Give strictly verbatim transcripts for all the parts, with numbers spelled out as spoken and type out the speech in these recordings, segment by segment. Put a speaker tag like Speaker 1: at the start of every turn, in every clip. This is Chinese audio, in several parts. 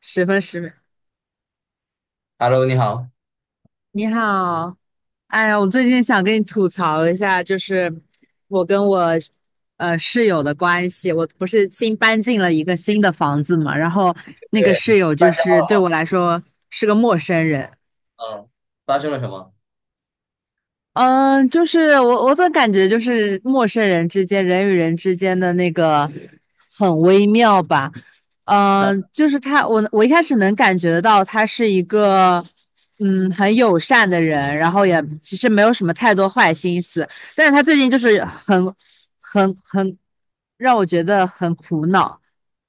Speaker 1: 十分十分，
Speaker 2: Hello，你好。
Speaker 1: 你好。哎呀，我最近想跟你吐槽一下，就是我跟我呃室友的关系。我不是新搬进了一个新的房子嘛，然后那个
Speaker 2: 对，你
Speaker 1: 室
Speaker 2: 不是
Speaker 1: 友
Speaker 2: 搬
Speaker 1: 就
Speaker 2: 家
Speaker 1: 是
Speaker 2: 了
Speaker 1: 对
Speaker 2: 吗？
Speaker 1: 我来说是个陌生人。
Speaker 2: 嗯，发生了什么？
Speaker 1: 嗯，就是我我总感觉就是陌生人之间，人与人之间的那个很微妙吧。嗯，就是他，我我一开始能感觉到他是一个嗯很友善的人，然后也其实没有什么太多坏心思。但是他最近就是很很很让我觉得很苦恼，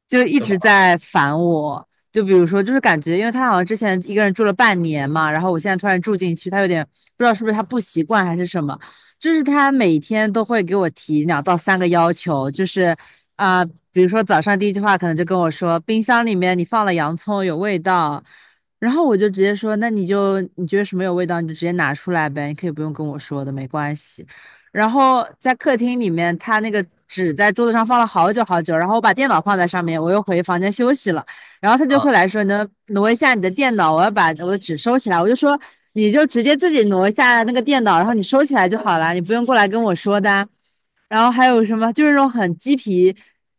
Speaker 1: 就一
Speaker 2: 怎么
Speaker 1: 直
Speaker 2: 了？
Speaker 1: 在烦我。就比如说，就是感觉，因为他好像之前一个人住了半年嘛，然后我现在突然住进去，他有点不知道是不是他不习惯还是什么。就是他每天都会给我提两到三个要求，就是啊、比如说早上第一句话可能就跟我说，冰箱里面你放了洋葱有味道。然后我就直接说，那你就你觉得什么有味道你就直接拿出来呗，你可以不用跟我说的，没关系。然后在客厅里面，他那个纸在桌子上放了好久好久，然后我把电脑放在上面，我又回房间休息了。然后他就
Speaker 2: 嗯
Speaker 1: 会来说，能挪一下你的电脑，我要把我的纸收起来。我就说，你就直接自己挪一下那个电脑，然后你收起来就好了，你不用过来跟我说的啊。然后还有什么，就是那种很鸡皮，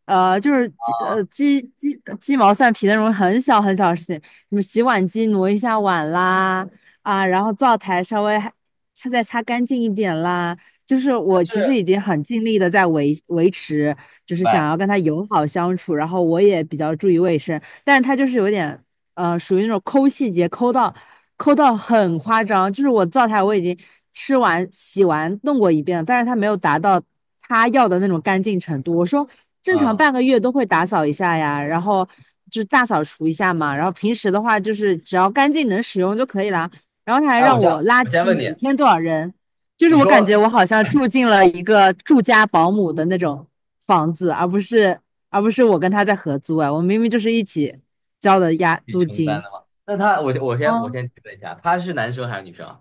Speaker 1: 呃，就是鸡呃
Speaker 2: 啊，
Speaker 1: 鸡鸡鸡毛蒜皮的那种很小很小的事情，什么洗碗机挪一下碗啦，啊，然后灶台稍微还擦再擦干净一点啦。就是
Speaker 2: 他
Speaker 1: 我其实
Speaker 2: 是
Speaker 1: 已经很尽力的在维维持，就
Speaker 2: 明
Speaker 1: 是想
Speaker 2: 白。
Speaker 1: 要跟他友好相处，然后我也比较注意卫生。但是他就是有点呃，属于那种抠细节，抠到抠到很夸张。就是我灶台我已经吃完、洗完、弄过一遍了，但是他没有达到他要的那种干净程度。我说正常
Speaker 2: 嗯，
Speaker 1: 半个月都会打扫一下呀，然后就大扫除一下嘛，然后平时的话就是只要干净能使用就可以啦。然后他还
Speaker 2: 哎，我
Speaker 1: 让
Speaker 2: 这
Speaker 1: 我
Speaker 2: 样，
Speaker 1: 垃
Speaker 2: 我先
Speaker 1: 圾
Speaker 2: 问你，
Speaker 1: 每天多少扔，就是
Speaker 2: 你
Speaker 1: 我感觉
Speaker 2: 说
Speaker 1: 我好像住进了一个住家保姆的那种房子，而不是而不是我跟他在合租啊。我明明就是一起交的
Speaker 2: 自
Speaker 1: 押
Speaker 2: 己
Speaker 1: 租
Speaker 2: 承担
Speaker 1: 金。
Speaker 2: 的吗？那他，我我先我
Speaker 1: 嗯，
Speaker 2: 先提问一下，他是男生还是女生啊？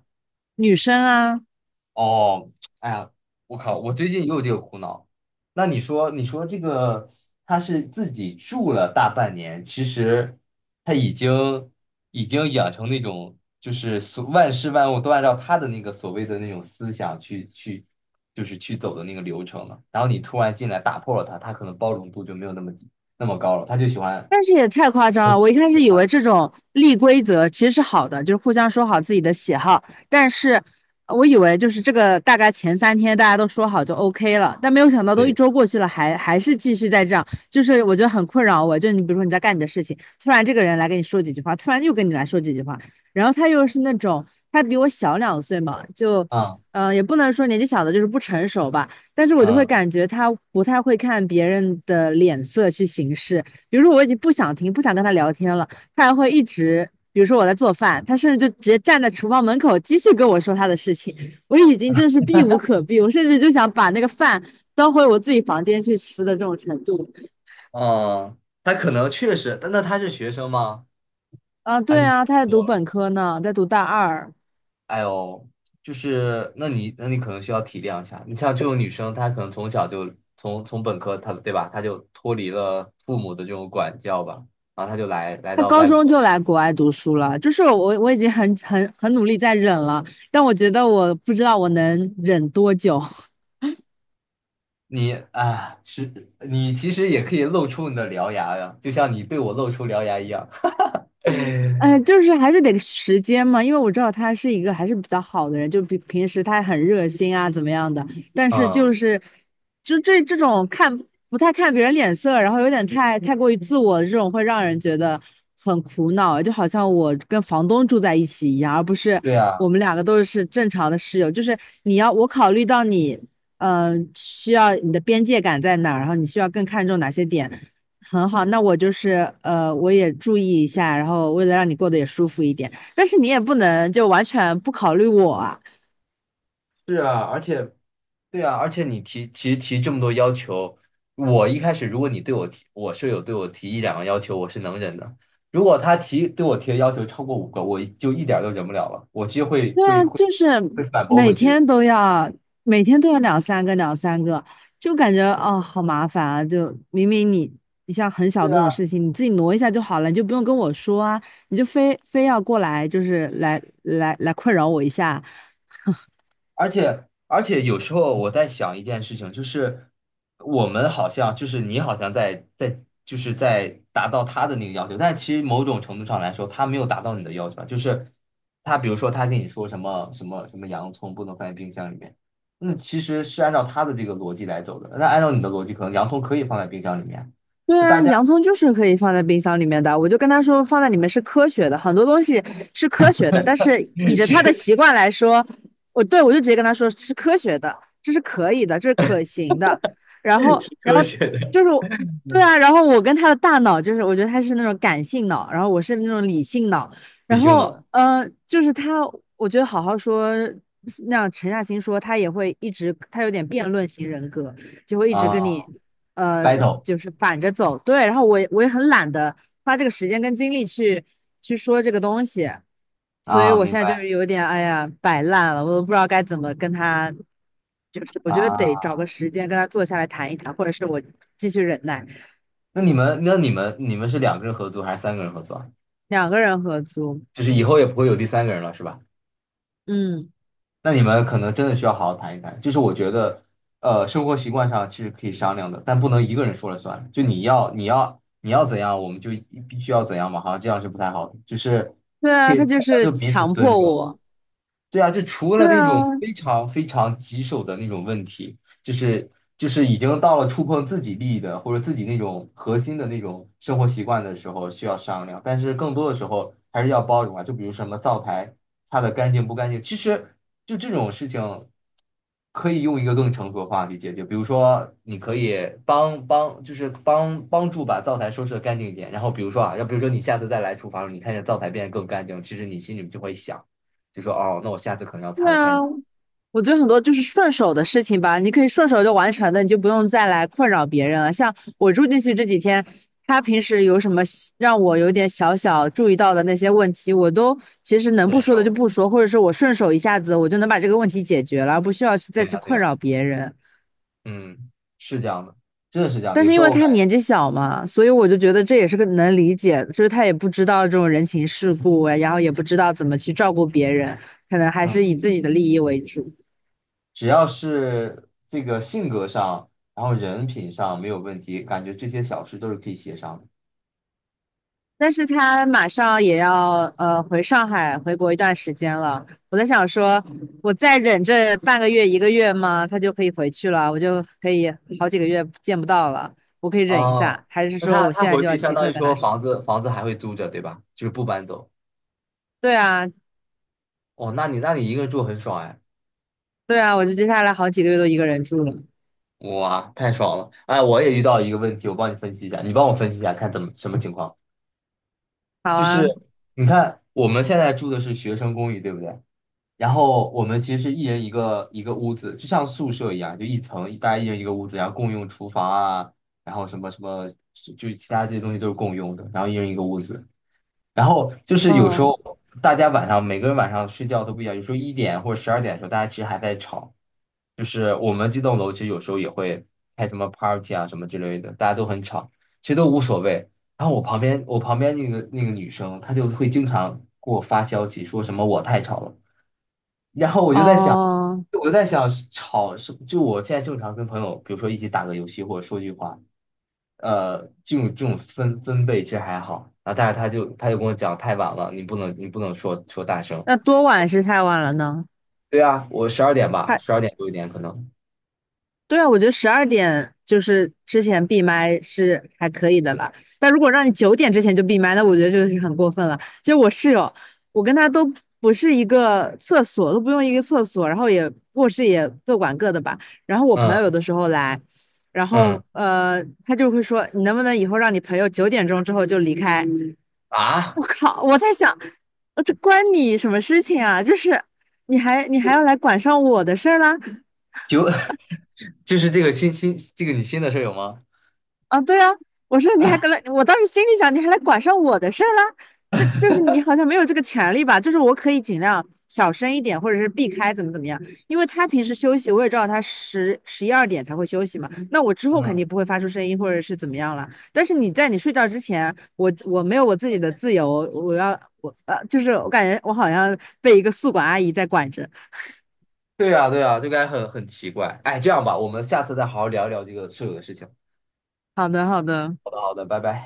Speaker 1: 女生啊。
Speaker 2: 哦，哎呀，我靠，我最近也有这个苦恼。那你说，你说这个他是自己住了大半年，其实他已经已经养成那种就是所万事万物都按照他的那个所谓的那种思想去去就是去走的那个流程了。然后你突然进来打破了他，他可能包容度就没有那么低那么高了，他就喜欢
Speaker 1: 但是也太夸张
Speaker 2: 就喜
Speaker 1: 了！我一开始以
Speaker 2: 欢
Speaker 1: 为
Speaker 2: 的。
Speaker 1: 这种立规则其实是好的，就是互相说好自己的喜好。但是呃我以为就是这个大概前三天大家都说好就 OK 了，但没有想到都一
Speaker 2: 对，
Speaker 1: 周过去了，还还是继续在这样，就是我觉得很困扰我。就你比如说你在干你的事情，突然这个人来跟你说几句话，突然又跟你来说几句话。然后他又是那种，他比我小两岁嘛，就。
Speaker 2: 嗯
Speaker 1: 嗯、呃也不能说年纪小的就是不成熟吧，但是我就会
Speaker 2: 嗯
Speaker 1: 感觉他不太会看别人的脸色去行事。比如说我已经不想听，不想跟他聊天了，他还会一直，比如说我在做饭，他甚至就直接站在厨房门口继续跟我说他的事情。我已经真是避无可避，我甚至就想把那个饭端回我自己房间去吃的这种程度。
Speaker 2: 嗯，他可能确实，但那他是学生吗？
Speaker 1: 啊，
Speaker 2: 还
Speaker 1: 对
Speaker 2: 是已经
Speaker 1: 啊，他在
Speaker 2: 工
Speaker 1: 读
Speaker 2: 作了？
Speaker 1: 本科呢，在读大二。
Speaker 2: 哎呦，就是那你那你可能需要体谅一下，你像这种女生，她可能从小就从从本科，她对吧，她就脱离了父母的这种管教吧，然后她就来来
Speaker 1: 他
Speaker 2: 到
Speaker 1: 高
Speaker 2: 外
Speaker 1: 中
Speaker 2: 国。
Speaker 1: 就来国外读书了，就是我我已经很很很努力在忍了，但我觉得我不知道我能忍多久。
Speaker 2: 你啊，是你其实也可以露出你的獠牙呀，就像你对我露出獠牙一样。
Speaker 1: 呃，就是还是得时间嘛，因为我知道他是一个还是比较好的人，就比平时他很热心啊，怎么样的。但是
Speaker 2: 嗯，
Speaker 1: 就是，就这这种看不太看别人脸色，然后有点太太过于自我的这种，会让人觉得很苦恼。就好像我跟房东住在一起一样，而不是
Speaker 2: 对
Speaker 1: 我
Speaker 2: 啊。
Speaker 1: 们两个都是正常的室友。就是你要我考虑到你，嗯、需要你的边界感在哪儿，然后你需要更看重哪些点。很好，那我就是呃，我也注意一下，然后为了让你过得也舒服一点，但是你也不能就完全不考虑我啊。
Speaker 2: 是啊，而且，对啊，而且你提其实提这么多要求，我一开始如果你对我提，我舍友对我提一两个要求，我是能忍的。如果他提对我提的要求超过五个，我就一点儿都忍不了了，我其实会
Speaker 1: 对
Speaker 2: 会
Speaker 1: 啊，
Speaker 2: 会
Speaker 1: 就是
Speaker 2: 会反驳
Speaker 1: 每
Speaker 2: 回去的。
Speaker 1: 天都要，每天都要两三个，两三个，就感觉哦，好麻烦啊！就明明你，你像很小
Speaker 2: 对
Speaker 1: 的那
Speaker 2: 啊。
Speaker 1: 种事情，你自己挪一下就好了，你就不用跟我说啊。你就非非要过来，就是来来来困扰我一下。
Speaker 2: 而且而且有时候我在想一件事情，就是我们好像就是你好像在在就是在达到他的那个要求，但其实某种程度上来说，他没有达到你的要求啊就是他比如说他跟你说什么什么什么洋葱不能放在冰箱里面，那其实是按照他的这个逻辑来走的。那按照你的逻辑，可能洋葱可以放在冰箱里面。
Speaker 1: 对
Speaker 2: 就
Speaker 1: 啊，
Speaker 2: 大家
Speaker 1: 洋葱就是可以放在冰箱里面的。我就跟他说，放在里面是科学的，很多东西是科学的。但是以 着
Speaker 2: 这
Speaker 1: 他的
Speaker 2: 个
Speaker 1: 习惯来说，我对我就直接跟他说是科学的，这是可以的，这是可行的。然后，
Speaker 2: 是
Speaker 1: 然
Speaker 2: 科
Speaker 1: 后
Speaker 2: 学的。
Speaker 1: 就是对啊。然后我跟他的大脑就是，我觉得他是那种感性脑，然后我是那种理性脑。然
Speaker 2: 理性的
Speaker 1: 后，呃，就是他，我觉得好好说，那样沉下心说，他也会一直，他有点辩论型人格，就会一直跟
Speaker 2: 啊
Speaker 1: 你。呃，
Speaker 2: ，battle
Speaker 1: 就是反着走。对，然后我也我也很懒得花这个时间跟精力去去说这个东西，所以
Speaker 2: 啊，
Speaker 1: 我
Speaker 2: 明
Speaker 1: 现在就
Speaker 2: 白。
Speaker 1: 是
Speaker 2: 啊。
Speaker 1: 有点哎呀摆烂了，我都不知道该怎么跟他。就是我觉得得找个时间跟他坐下来谈一谈，或者是我继续忍耐。
Speaker 2: 那你们，那你们，你们是两个人合租还是三个人合租啊？
Speaker 1: 两个人合租。
Speaker 2: 就是以后也不会有第三个人了，是吧？
Speaker 1: 嗯，
Speaker 2: 那你们可能真的需要好好谈一谈。就是我觉得，呃，生活习惯上其实可以商量的，但不能一个人说了算。就你要，你要，你要怎样，我们就必须要怎样嘛，好像这样是不太好的。就是
Speaker 1: 对
Speaker 2: 可
Speaker 1: 啊，
Speaker 2: 以，
Speaker 1: 他就
Speaker 2: 大家
Speaker 1: 是
Speaker 2: 就彼此
Speaker 1: 强
Speaker 2: 尊
Speaker 1: 迫
Speaker 2: 重。
Speaker 1: 我。
Speaker 2: 对啊，就除了
Speaker 1: 对
Speaker 2: 那种
Speaker 1: 啊，
Speaker 2: 非常非常棘手的那种问题，就是就是已经到了触碰自己利益的或者自己那种核心的那种生活习惯的时候需要商量，但是更多的时候还是要包容啊。就比如什么灶台擦的干净不干净，其实就这种事情可以用一个更成熟的方法去解决。比如说，你可以帮帮就是帮帮助把灶台收拾的干净一点，然后比如说啊，要比如说你下次再来厨房，你看见灶台变得更干净，其实你心里就会想。就说哦，那我下次可能要擦
Speaker 1: 对
Speaker 2: 的干
Speaker 1: 啊，
Speaker 2: 净。
Speaker 1: 我觉得很多就是顺手的事情吧，你可以顺手就完成的，你就不用再来困扰别人了。像我住进去这几天，他平时有什么小让我有点小小注意到的那些问题，我都其实能不
Speaker 2: 难
Speaker 1: 说的就
Speaker 2: 受。
Speaker 1: 不说，或者是我顺手一下子我就能把这个问题解决了，不需要去再
Speaker 2: 对
Speaker 1: 去
Speaker 2: 呀，对
Speaker 1: 困
Speaker 2: 呀，
Speaker 1: 扰别人。
Speaker 2: 嗯，是这样的，真的是这样的。
Speaker 1: 但
Speaker 2: 有
Speaker 1: 是
Speaker 2: 时
Speaker 1: 因
Speaker 2: 候
Speaker 1: 为
Speaker 2: 我感
Speaker 1: 他
Speaker 2: 觉，
Speaker 1: 年纪小嘛，所以我就觉得这也是个能理解，就是他也不知道这种人情世故啊，然后也不知道怎么去照顾别人，可能还
Speaker 2: 嗯，
Speaker 1: 是以自己的利益为主。
Speaker 2: 只要是这个性格上，然后人品上没有问题，感觉这些小事都是可以协商的。
Speaker 1: 但是他马上也要呃回上海回国一段时间了，我在想说，我再忍这半个月一个月吗？他就可以回去了，我就可以好几个月见不到了，我可以忍一
Speaker 2: 哦，
Speaker 1: 下，还是
Speaker 2: 那
Speaker 1: 说
Speaker 2: 他
Speaker 1: 我
Speaker 2: 他
Speaker 1: 现在
Speaker 2: 回
Speaker 1: 就要
Speaker 2: 去相
Speaker 1: 即
Speaker 2: 当
Speaker 1: 刻
Speaker 2: 于
Speaker 1: 跟他
Speaker 2: 说
Speaker 1: 说？
Speaker 2: 房子房子还会租着，对吧？就是不搬走。
Speaker 1: 对啊，
Speaker 2: 哦，那你那你一个人住很爽哎，
Speaker 1: 对啊，我就接下来好几个月都一个人住了。
Speaker 2: 哇，太爽了！哎，我也遇到一个问题，我帮你分析一下，你帮我分析一下，看怎么什么情况？
Speaker 1: 好
Speaker 2: 就是
Speaker 1: 啊。
Speaker 2: 你看我们现在住的是学生公寓，对不对？然后我们其实是一人一个一个屋子，就像宿舍一样，就一层，大家一人一个屋子，然后共用厨房啊，然后什么什么，就是其他这些东西都是共用的，然后一人一个屋子。然后就是有时
Speaker 1: 嗯。
Speaker 2: 候大家晚上每个人晚上睡觉都不一样，有时候一点或者十二点的时候，大家其实还在吵。就是我们这栋楼其实有时候也会开什么 party 啊什么之类的，大家都很吵，其实都无所谓。然后我旁边我旁边那个那个女生，她就会经常给我发消息说什么我太吵了。
Speaker 1: 哦，
Speaker 2: 我在想吵是就我现在正常跟朋友，比如说一起打个游戏或者说句话，呃，这种这种分分贝其实还好。啊，但是他就他就跟我讲太晚了，你不能你不能说说大声。
Speaker 1: 那多晚是太晚了呢？
Speaker 2: 对啊，我十二点吧，
Speaker 1: 太。
Speaker 2: 十二点多一点可能。
Speaker 1: 对啊，我觉得十二点就是之前闭麦是还可以的了，但如果让你九点之前就闭麦，那我觉得这个是很过分了。就我室友，我跟他都不是一个厕所，都不用一个厕所，然后也卧室也各管各的吧。然后我朋友有的
Speaker 2: 嗯
Speaker 1: 时候来，然后
Speaker 2: 嗯
Speaker 1: 呃，他就会说，你能不能以后让你朋友九点钟之后就离开？
Speaker 2: 啊，
Speaker 1: 我靠，我在想，呃这关你什么事情啊？就是你还你还要来管上我的事儿啦？
Speaker 2: 就 就是这个新新这个你新的舍友吗？
Speaker 1: 啊，对啊，我说你还跟来，我当时心里想，你还来管上我的事儿啦？这就是你好像没有这个权利吧？就是我可以尽量小声一点，或者是避开怎么怎么样，因为他平时休息，我也知道他十十一二点才会休息嘛，那我之后肯
Speaker 2: 嗯，
Speaker 1: 定不会发出声音或者是怎么样了。但是你在你睡觉之前，我我没有我自己的自由，我要我呃，就是我感觉我好像被一个宿管阿姨在管着。
Speaker 2: 对呀对呀，就感觉很很奇怪。哎，这样吧，我们下次再好好聊一聊这个舍友的事情。
Speaker 1: 好的，好的。
Speaker 2: 好的好的，拜拜。